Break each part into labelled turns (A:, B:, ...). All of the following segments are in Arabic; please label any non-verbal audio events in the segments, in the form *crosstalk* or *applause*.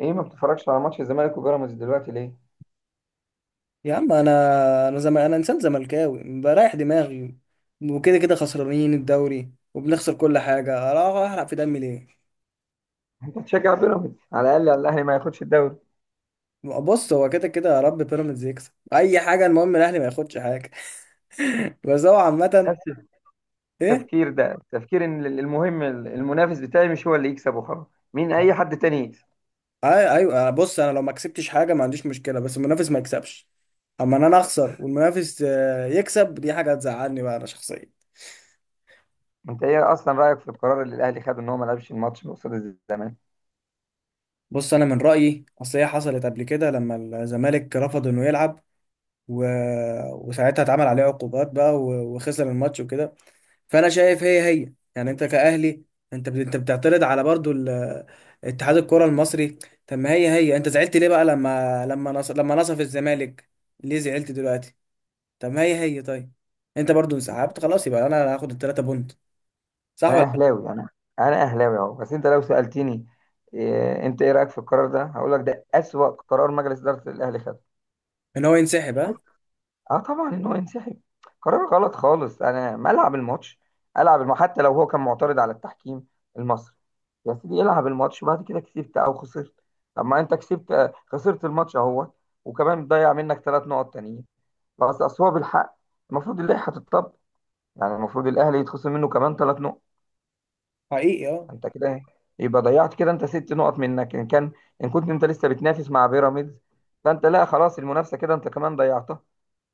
A: ايه ما بتتفرجش على ماتش الزمالك وبيراميدز دلوقتي ليه؟
B: يا عم انا انا انسان زملكاوي بريح دماغي. وكده كده خسرانين الدوري وبنخسر كل حاجه، اروح احرق في دمي ليه؟
A: *laughs* انت بتشجع بيراميدز على الاقل على الاهلي ما ياخدش الدوري.
B: بص، هو كده كده، يا رب بيراميدز يكسب اي حاجه، المهم الاهلي ما ياخدش حاجه. *laughs* بس هو عامه
A: نفس
B: ايه؟
A: التفكير ده تفكير ان المهم المنافس بتاعي مش هو اللي يكسب وخلاص. مين اي حد تاني يكسب.
B: ايوه بص، انا لو ما كسبتش حاجه ما عنديش مشكله، بس المنافس ما يكسبش. اما ان انا اخسر والمنافس يكسب، دي حاجه هتزعلني بقى انا شخصيا.
A: انت ايه اصلا رايك في القرار اللي الاهلي خده ان هو ما لعبش الماتش قصاد الزمالك؟
B: بص انا من رايي، اصل هي حصلت قبل كده لما الزمالك رفض انه يلعب، و... وساعتها اتعمل عليه عقوبات بقى وخسر الماتش وكده. فانا شايف هي هي، يعني انت كأهلي انت بتعترض على برضو اتحاد الكرة المصري. طب ما هي هي، انت زعلت ليه بقى لما لما نصف الزمالك ليه زعلت دلوقتي؟ طب ما هي هي، طيب انت برضو انسحبت خلاص، يبقى انا هاخد التلاتة بونت، صح
A: انا
B: ولا لأ؟
A: اهلاوي انا. انا اهلاوي اهو، بس انت لو سالتني انت ايه رايك في القرار ده هقول لك ده اسوأ قرار مجلس اداره الاهلي خده.
B: ان هو ينسحب، ها؟
A: اه، طبعا ان هو ينسحب. قرار غلط خالص. انا ما العب الماتش. العب حتى لو هو كان معترض على التحكيم المصري. يا سيدي العب الماتش، بعد كده كسبت او خسرت. طب ما انت كسبت، خسرت الماتش اهو. وكمان ضيع منك 3 نقط تانيين. بس اصل هو بالحق المفروض اللائحه تتطبق. يعني المفروض الاهلي يتخصم منه كمان 3 نقط.
B: حقيقي اه.
A: انت كده إيه؟ يبقى ضيعت كده انت 6 نقط منك ان كان، ان كنت انت لسه بتنافس مع بيراميدز. فانت لا، خلاص المنافسه كده انت كمان ضيعتها.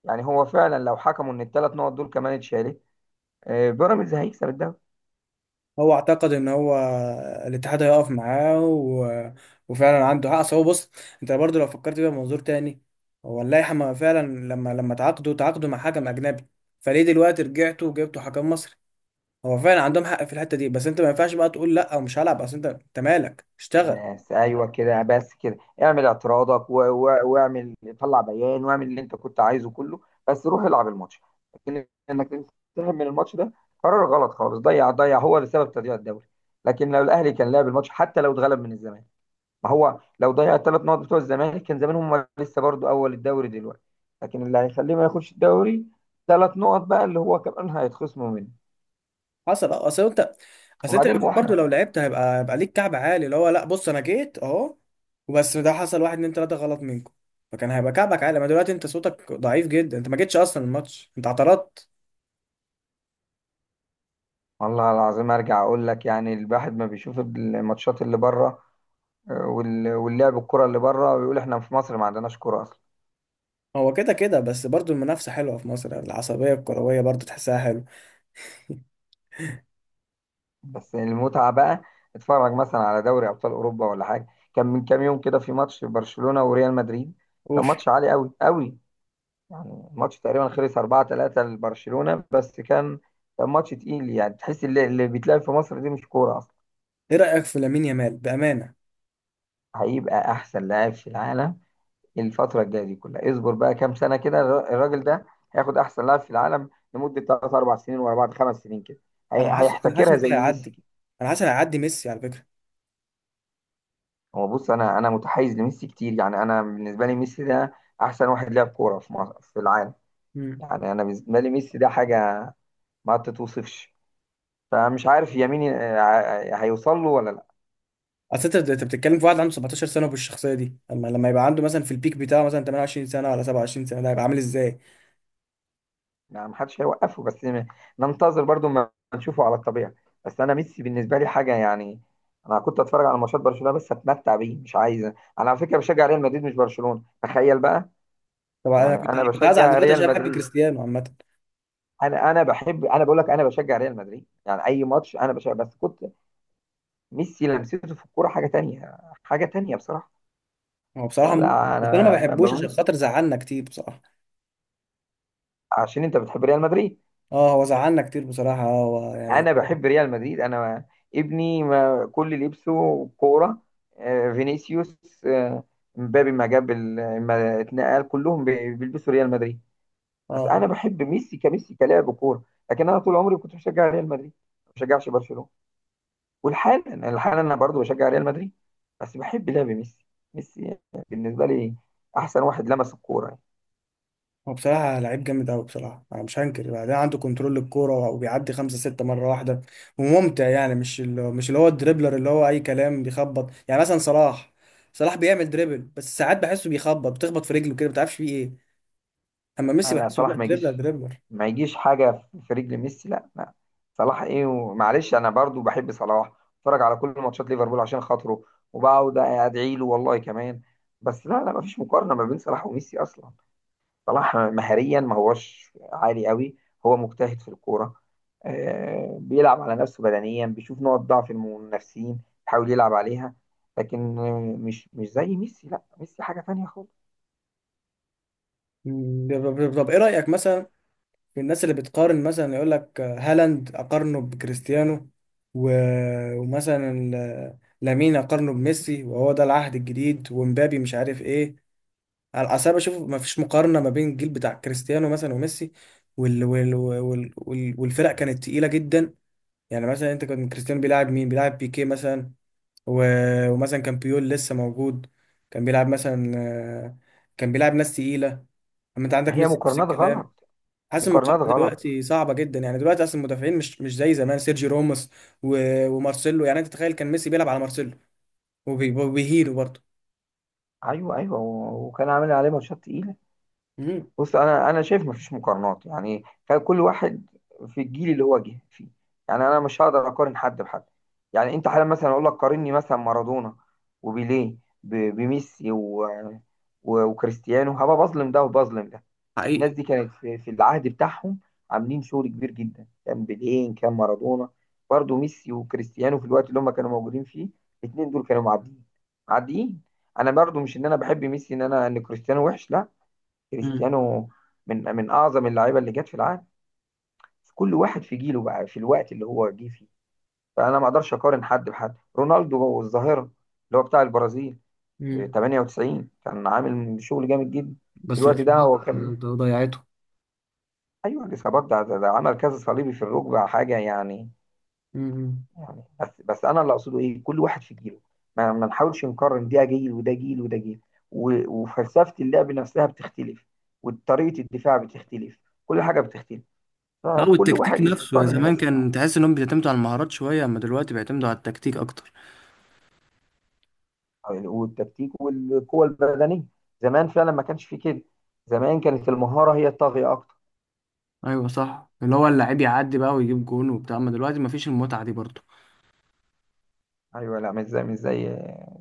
A: يعني هو فعلا لو حكموا ان الثلاث نقط دول كمان اتشالت، بيراميدز هيكسب الدوري.
B: هو اعتقد ان هو الاتحاد هيقف معاه وفعلا عنده حق. أصل هو، بص، انت برضو لو فكرت بيها بمنظور تاني، هو اللائحه ما فعلا لما تعاقدوا مع حكم اجنبي، فليه دلوقتي رجعتوا وجبتوا حكم مصري؟ هو فعلا عندهم حق في الحته دي، بس انت ما ينفعش بقى تقول لا ومش هلعب. اصل انت مالك، اشتغل.
A: بس ايوه كده، بس كده اعمل اعتراضك واعمل، طلع بيان واعمل اللي انت كنت عايزه كله، بس روح العب الماتش. لكن انك تنسحب من الماتش ده قرار غلط خالص. ضيع ضيع هو اللي سبب تضييع الدوري. لكن لو الاهلي كان لعب الماتش حتى لو اتغلب من الزمالك، ما هو لو ضيع الثلاث نقط بتوع الزمالك كان زمان هم لسه برضو اول الدوري دلوقتي. لكن اللي هيخليه ما ياخدش الدوري 3 نقط بقى اللي هو كمان هيتخصموا منه.
B: حصل اه. اصل انت
A: وبعدين هو
B: برضه لو لعبت هيبقى ليك كعب عالي، اللي هو لا بص انا جيت اهو، وبس ده حصل واحد اتنين تلاته غلط منكم. فكان هيبقى كعبك عالي، ما دلوقتي انت صوتك ضعيف جدا، انت ما جيتش اصلا الماتش، انت اعترضت.
A: والله العظيم ارجع اقول لك، يعني الواحد ما بيشوف الماتشات اللي بره واللعب الكرة اللي بره، ويقول احنا في مصر ما عندناش كرة اصلا.
B: هو كده كده، بس برضه المنافسه حلوه في مصر، العصبيه الكرويه برضه تحسها حلوه.
A: بس المتعة بقى، اتفرج مثلا على دوري ابطال اوروبا ولا حاجة. كان من كام يوم كده في ماتش برشلونة وريال مدريد. كان
B: اوف.
A: ماتش عالي قوي قوي. يعني الماتش تقريبا خلص 4-3 لبرشلونة، بس كان ماتش تقيل. يعني تحس اللي بيتلعب في مصر دي مش كورة اصلا.
B: ايه رايك في لامين يامال بامانه؟
A: هيبقى احسن لاعب في العالم الفترة الجاية دي كلها. اصبر بقى كام سنة كده، الراجل ده هياخد أحسن لاعب في العالم لمدة تلات أربع سنين ورا بعض، 5 سنين كده.
B: انا حاسس
A: هيحتكرها
B: انه
A: زي ميسي
B: هيعدي.
A: كده.
B: انا حاسس انه هيعدي ميسي على فكره.
A: هو بص، أنا متحيز لميسي كتير. يعني أنا بالنسبة لي ميسي ده أحسن واحد لعب كورة في مصر في العالم.
B: مم.
A: يعني أنا بالنسبة لي ميسي ده حاجة ما تتوصفش. فمش عارف يمين هيوصل له ولا.
B: اصل انت بتتكلم في واحد عنده 17 سنه وبالشخصيه دي، اما لما يبقى عنده مثلا في البيك بتاعه مثلا 28 سنه ولا 27 سنه، ده هيبقى عامل ازاي؟
A: يعني محدش هيوقفه، بس ننتظر برضو ما نشوفه على الطبيعة. بس انا ميسي بالنسبة لي حاجة يعني. انا كنت اتفرج على ماتشات برشلونة بس اتمتع بيه، مش عايز انا. على فكرة بشجع ريال مدريد مش برشلونة، تخيل بقى.
B: طبعا
A: يعني
B: انا
A: انا
B: كنت هزعل
A: بشجع
B: دلوقتي
A: ريال
B: عشان بحب
A: مدريد
B: كريستيانو عامه.
A: انا انا بقول لك انا بشجع ريال مدريد. يعني اي ماتش انا بشجع، بس كنت. ميسي لمسته في الكورة حاجة تانية، حاجة تانية بصراحة.
B: هو بصراحه
A: لا
B: ممتع،
A: لا،
B: بس انا ما
A: انا
B: بحبوش عشان
A: بموت
B: خاطر زعلنا كتير بصراحه.
A: عشان انت بتحب ريال مدريد.
B: اه هو زعلنا كتير بصراحه، اه هو يعني.
A: انا بحب ريال مدريد انا. ابني ما كل اللي لبسه كوره، فينيسيوس، مبابي، ما جاب ال- ما اتنقل كلهم بيلبسوا ريال مدريد. بس
B: اه
A: انا بحب ميسي كميسي كلاعب كوره، لكن انا طول عمري كنت بشجع ريال مدريد. ما بشجعش برشلونه. والحال الحال انا برضو بشجع ريال مدريد، بس بحب لعب ميسي. ميسي بالنسبه لي احسن واحد لمس الكوره يعني.
B: هو بصراحه لعيب جامد قوي بصراحه، انا مش هنكر، بعدين عنده كنترول للكوره وبيعدي خمسه سته مره واحده، وممتع. يعني مش اللي هو الدريبلر اللي هو اي كلام بيخبط، يعني مثلا صلاح. صلاح بيعمل دريبل، بس ساعات بحسه بيخبط، بتخبط في رجله كده، ما تعرفش فيه ايه. اما ميسي
A: لا لا،
B: بحسه لا،
A: صلاح ما
B: دريبلر
A: يجيش.
B: دريبلر.
A: ما يجيش حاجه في رجل ميسي، لا لا. صلاح ايه ومعلش، انا برضو بحب صلاح. اتفرج على كل ماتشات ليفربول عشان خاطره، وبقعد ادعي له والله كمان. بس لا لا، ما فيش مقارنه ما بين صلاح وميسي اصلا. صلاح مهاريا ما هوش عالي قوي. هو مجتهد في الكوره، بيلعب على نفسه بدنيا، بيشوف نقط ضعف المنافسين، بيحاول يلعب عليها. لكن مش زي ميسي. لا، ميسي حاجه تانية خالص.
B: مم. طب ايه رايك مثلا في الناس اللي بتقارن، مثلا يقول لك هالاند اقارنه بكريستيانو، و... ومثلا لامين اقارنه بميسي وهو ده العهد الجديد، ومبابي مش عارف ايه. على الأساس بشوف ما فيش مقارنة ما بين الجيل بتاع كريستيانو مثلا وميسي، وال... وال... وال... وال... والفرق كانت تقيلة جدا. يعني مثلا انت، كان كريستيانو بيلعب مين؟ بيلعب بيكيه مثلا، و... ومثلا كان بيول لسه موجود، كان بيلعب مثلا، كان بيلعب ناس تقيلة. اما انت عندك
A: هي
B: ميسي نفس
A: مقارنات
B: الكلام.
A: غلط.
B: حاسس
A: مقارنات
B: المقارنه
A: غلط.
B: دلوقتي صعبه جدا، يعني دلوقتي اصلا المدافعين مش مش زي زمان. سيرجي راموس ومارسيلو، يعني انت تخيل كان ميسي بيلعب على مارسيلو وبيهيله برضه.
A: ايوه ايوه، وكان عامل عليه ماتشات تقيله.
B: امم.
A: بص، انا شايف مفيش مقارنات. يعني كان كل واحد في الجيل اللي هو جه فيه. يعني انا مش هقدر اقارن حد بحد. يعني انت حالا مثلا اقول لك قارني مثلا مارادونا وبيليه بميسي وكريستيانو، هبقى بظلم ده وبظلم ده. الناس
B: حقيقي.
A: دي كانت في العهد بتاعهم عاملين شغل كبير جدا. كان بيلين، كان مارادونا، برضو ميسي وكريستيانو في الوقت اللي هم كانوا موجودين فيه الاثنين دول كانوا معديين، معديين. انا برضو مش ان انا بحب ميسي ان انا ان كريستيانو وحش، لا.
B: مم.
A: كريستيانو من اعظم اللعيبه اللي جت في العالم. كل واحد في جيله بقى، في الوقت اللي هو جه فيه. فانا ما اقدرش اقارن حد بحد. رونالدو الظاهره اللي هو بتاع البرازيل،
B: امم.
A: 98 كان عامل شغل جامد جدا في
B: بس
A: الوقت ده.
B: الإصابات
A: هو كان،
B: ده ضيعته.
A: ايوه، الاصابات ده عمل كذا صليبي في الركبه حاجه يعني.
B: امم.
A: يعني بس انا اللي اقصده ايه، كل واحد في جيله ما نحاولش نقارن. ده جيل وده جيل وده جيل، وفلسفه اللعب نفسها بتختلف، وطريقه الدفاع بتختلف، كل حاجه بتختلف.
B: اه
A: فكل
B: والتكتيك
A: واحد
B: نفسه، يا
A: يقارن
B: زمان
A: الناس اللي معاه.
B: كان تحس انهم بيعتمدوا على المهارات شويه، اما دلوقتي بيعتمدوا على التكتيك اكتر.
A: والتكتيك والقوه البدنيه، زمان فعلا ما كانش في كده. زمان كانت المهاره هي الطاغيه اكتر.
B: ايوه صح، اللي هو اللعيب يعدي بقى ويجيب جون وبتاع، اما دلوقتي مفيش المتعه دي برضه.
A: ايوه، لا مش زي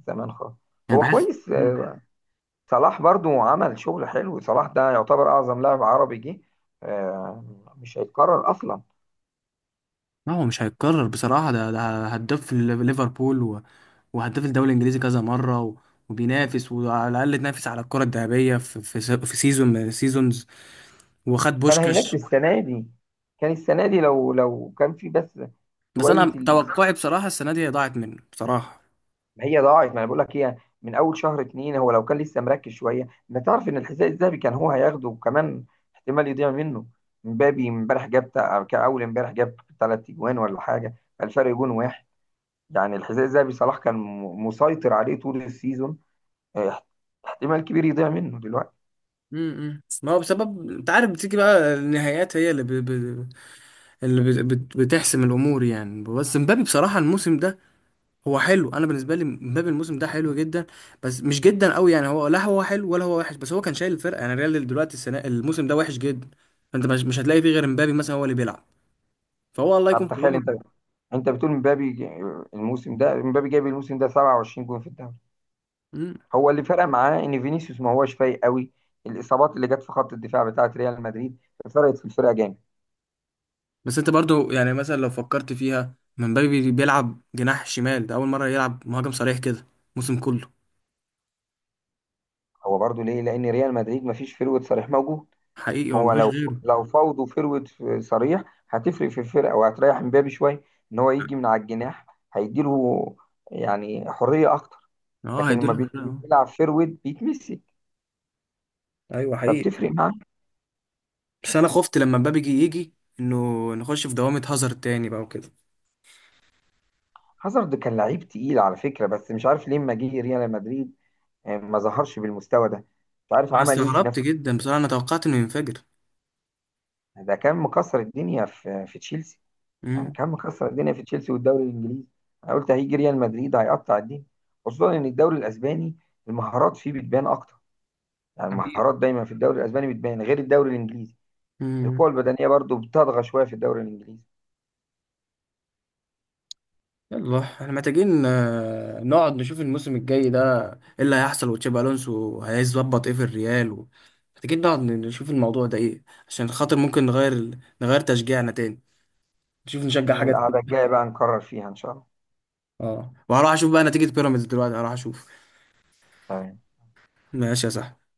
A: زمان خالص.
B: يعني
A: هو
B: بحس.
A: كويس، صلاح برضو عمل شغل حلو. صلاح ده يعتبر اعظم لاعب عربي جه. آه، مش هيتكرر اصلا.
B: ما هو مش هيتكرر بصراحة، ده هداف في ليفربول وهداف الدوري الإنجليزي كذا مرة، وبينافس وعلى الأقل تنافس على الكرة الذهبية في في سيزون من سيزونز، وخد
A: كان هيناك
B: بوشكش.
A: السنه دي. كان السنه دي، لو كان في بس
B: بس
A: شويه
B: أنا توقعي بصراحة السنة دي ضاعت منه بصراحة.
A: هي ضاعت، ما انا بقول لك هي. من اول شهر اتنين، هو لو كان لسه مركز شويه انت تعرف ان الحذاء الذهبي كان هو هياخده، وكمان احتمال يضيع منه. مبابي امبارح جاب كأول امبارح جاب 3 اجوان ولا حاجه. الفرق جون واحد. يعني الحذاء الذهبي صلاح كان مسيطر عليه طول السيزون، آه، احتمال كبير يضيع منه دلوقتي.
B: امم. ما هو بسبب، أنت عارف بتيجي بقى النهايات هي اللي ب... ب... اللي بت... بت- بتحسم الأمور يعني. بس مبابي بصراحة الموسم ده هو حلو. انا بالنسبه لي مبابي الموسم ده حلو جدا، بس مش جدا قوي. يعني هو لا هو حلو ولا هو وحش، بس هو كان شايل الفرقه. يعني الريال دلوقتي السنه الموسم ده وحش جدا، فانت مش هتلاقي فيه غير مبابي مثلا هو اللي بيلعب، فهو الله يكون
A: طب
B: في
A: تخيل
B: عونه.
A: انت، انت بتقول مبابي الموسم ده، مبابي جايب الموسم ده 27 جون في الدوري.
B: مم.
A: هو اللي فرق معاه ان فينيسيوس ما هواش فايق قوي. الاصابات اللي جت في خط الدفاع بتاعه ريال مدريد فرقت في الفرقه جامد.
B: بس انت برضو، يعني مثلا لو فكرت فيها، مبابي بيلعب جناح شمال، ده اول مره يلعب مهاجم صريح كده الموسم كله.
A: هو برضو ليه؟ لان ريال مدريد ما فيش فروة صريح موجود.
B: حقيقي، هو
A: هو
B: مفيش
A: لو،
B: غيره.
A: فاوض وفروة صريح هتفرق في الفرقه وهتريح مبابي شويه. ان هو يجي من على الجناح هيديله يعني حريه اكتر.
B: اه
A: لكن لما
B: هيديله في الفرقة، اه.
A: بيلعب فروة بيتمسك،
B: ايوه حقيقي.
A: فبتفرق معاه.
B: بس انا خفت لما مبابي يجي انه نخش في دوامه هازارد تاني بقى وكده.
A: هازارد كان لعيب تقيل على فكرة، بس مش عارف ليه لما جه ريال مدريد، ما ظهرش بالمستوى ده. مش عارف
B: انا
A: عمل ايه في
B: استغربت
A: نفسه.
B: جدا بصراحه، انا توقعت انه ينفجر.
A: ده كان مكسر الدنيا في تشيلسي. يعني
B: مم.
A: كان مكسر الدنيا في تشيلسي والدوري الانجليزي. انا قلت هيجي ريال مدريد هيقطع الدنيا، خصوصا ان الدوري الاسباني المهارات فيه بتبان اكتر. يعني
B: حقيقة.
A: المهارات دايما في الدوري الاسباني بتبان غير الدوري الانجليزي.
B: مم.
A: القوة البدنية برضو بتطغى شوية في الدوري الانجليزي.
B: يلا احنا محتاجين نقعد نشوف الموسم الجاي ده ايه اللي هيحصل، وتشابي الونسو هيظبط ايه في الريال محتاجين نقعد نشوف الموضوع ده ايه، عشان خاطر ممكن نغير تشجيعنا تاني، نشوف نشجع
A: من
B: حاجة
A: القعدة
B: تانية.
A: الجاية بقى نكرر فيها ان شاء الله.
B: اه وهروح اشوف بقى نتيجة بيراميدز دلوقتي، هروح اشوف.
A: تمام.
B: ماشي يا صاحبي.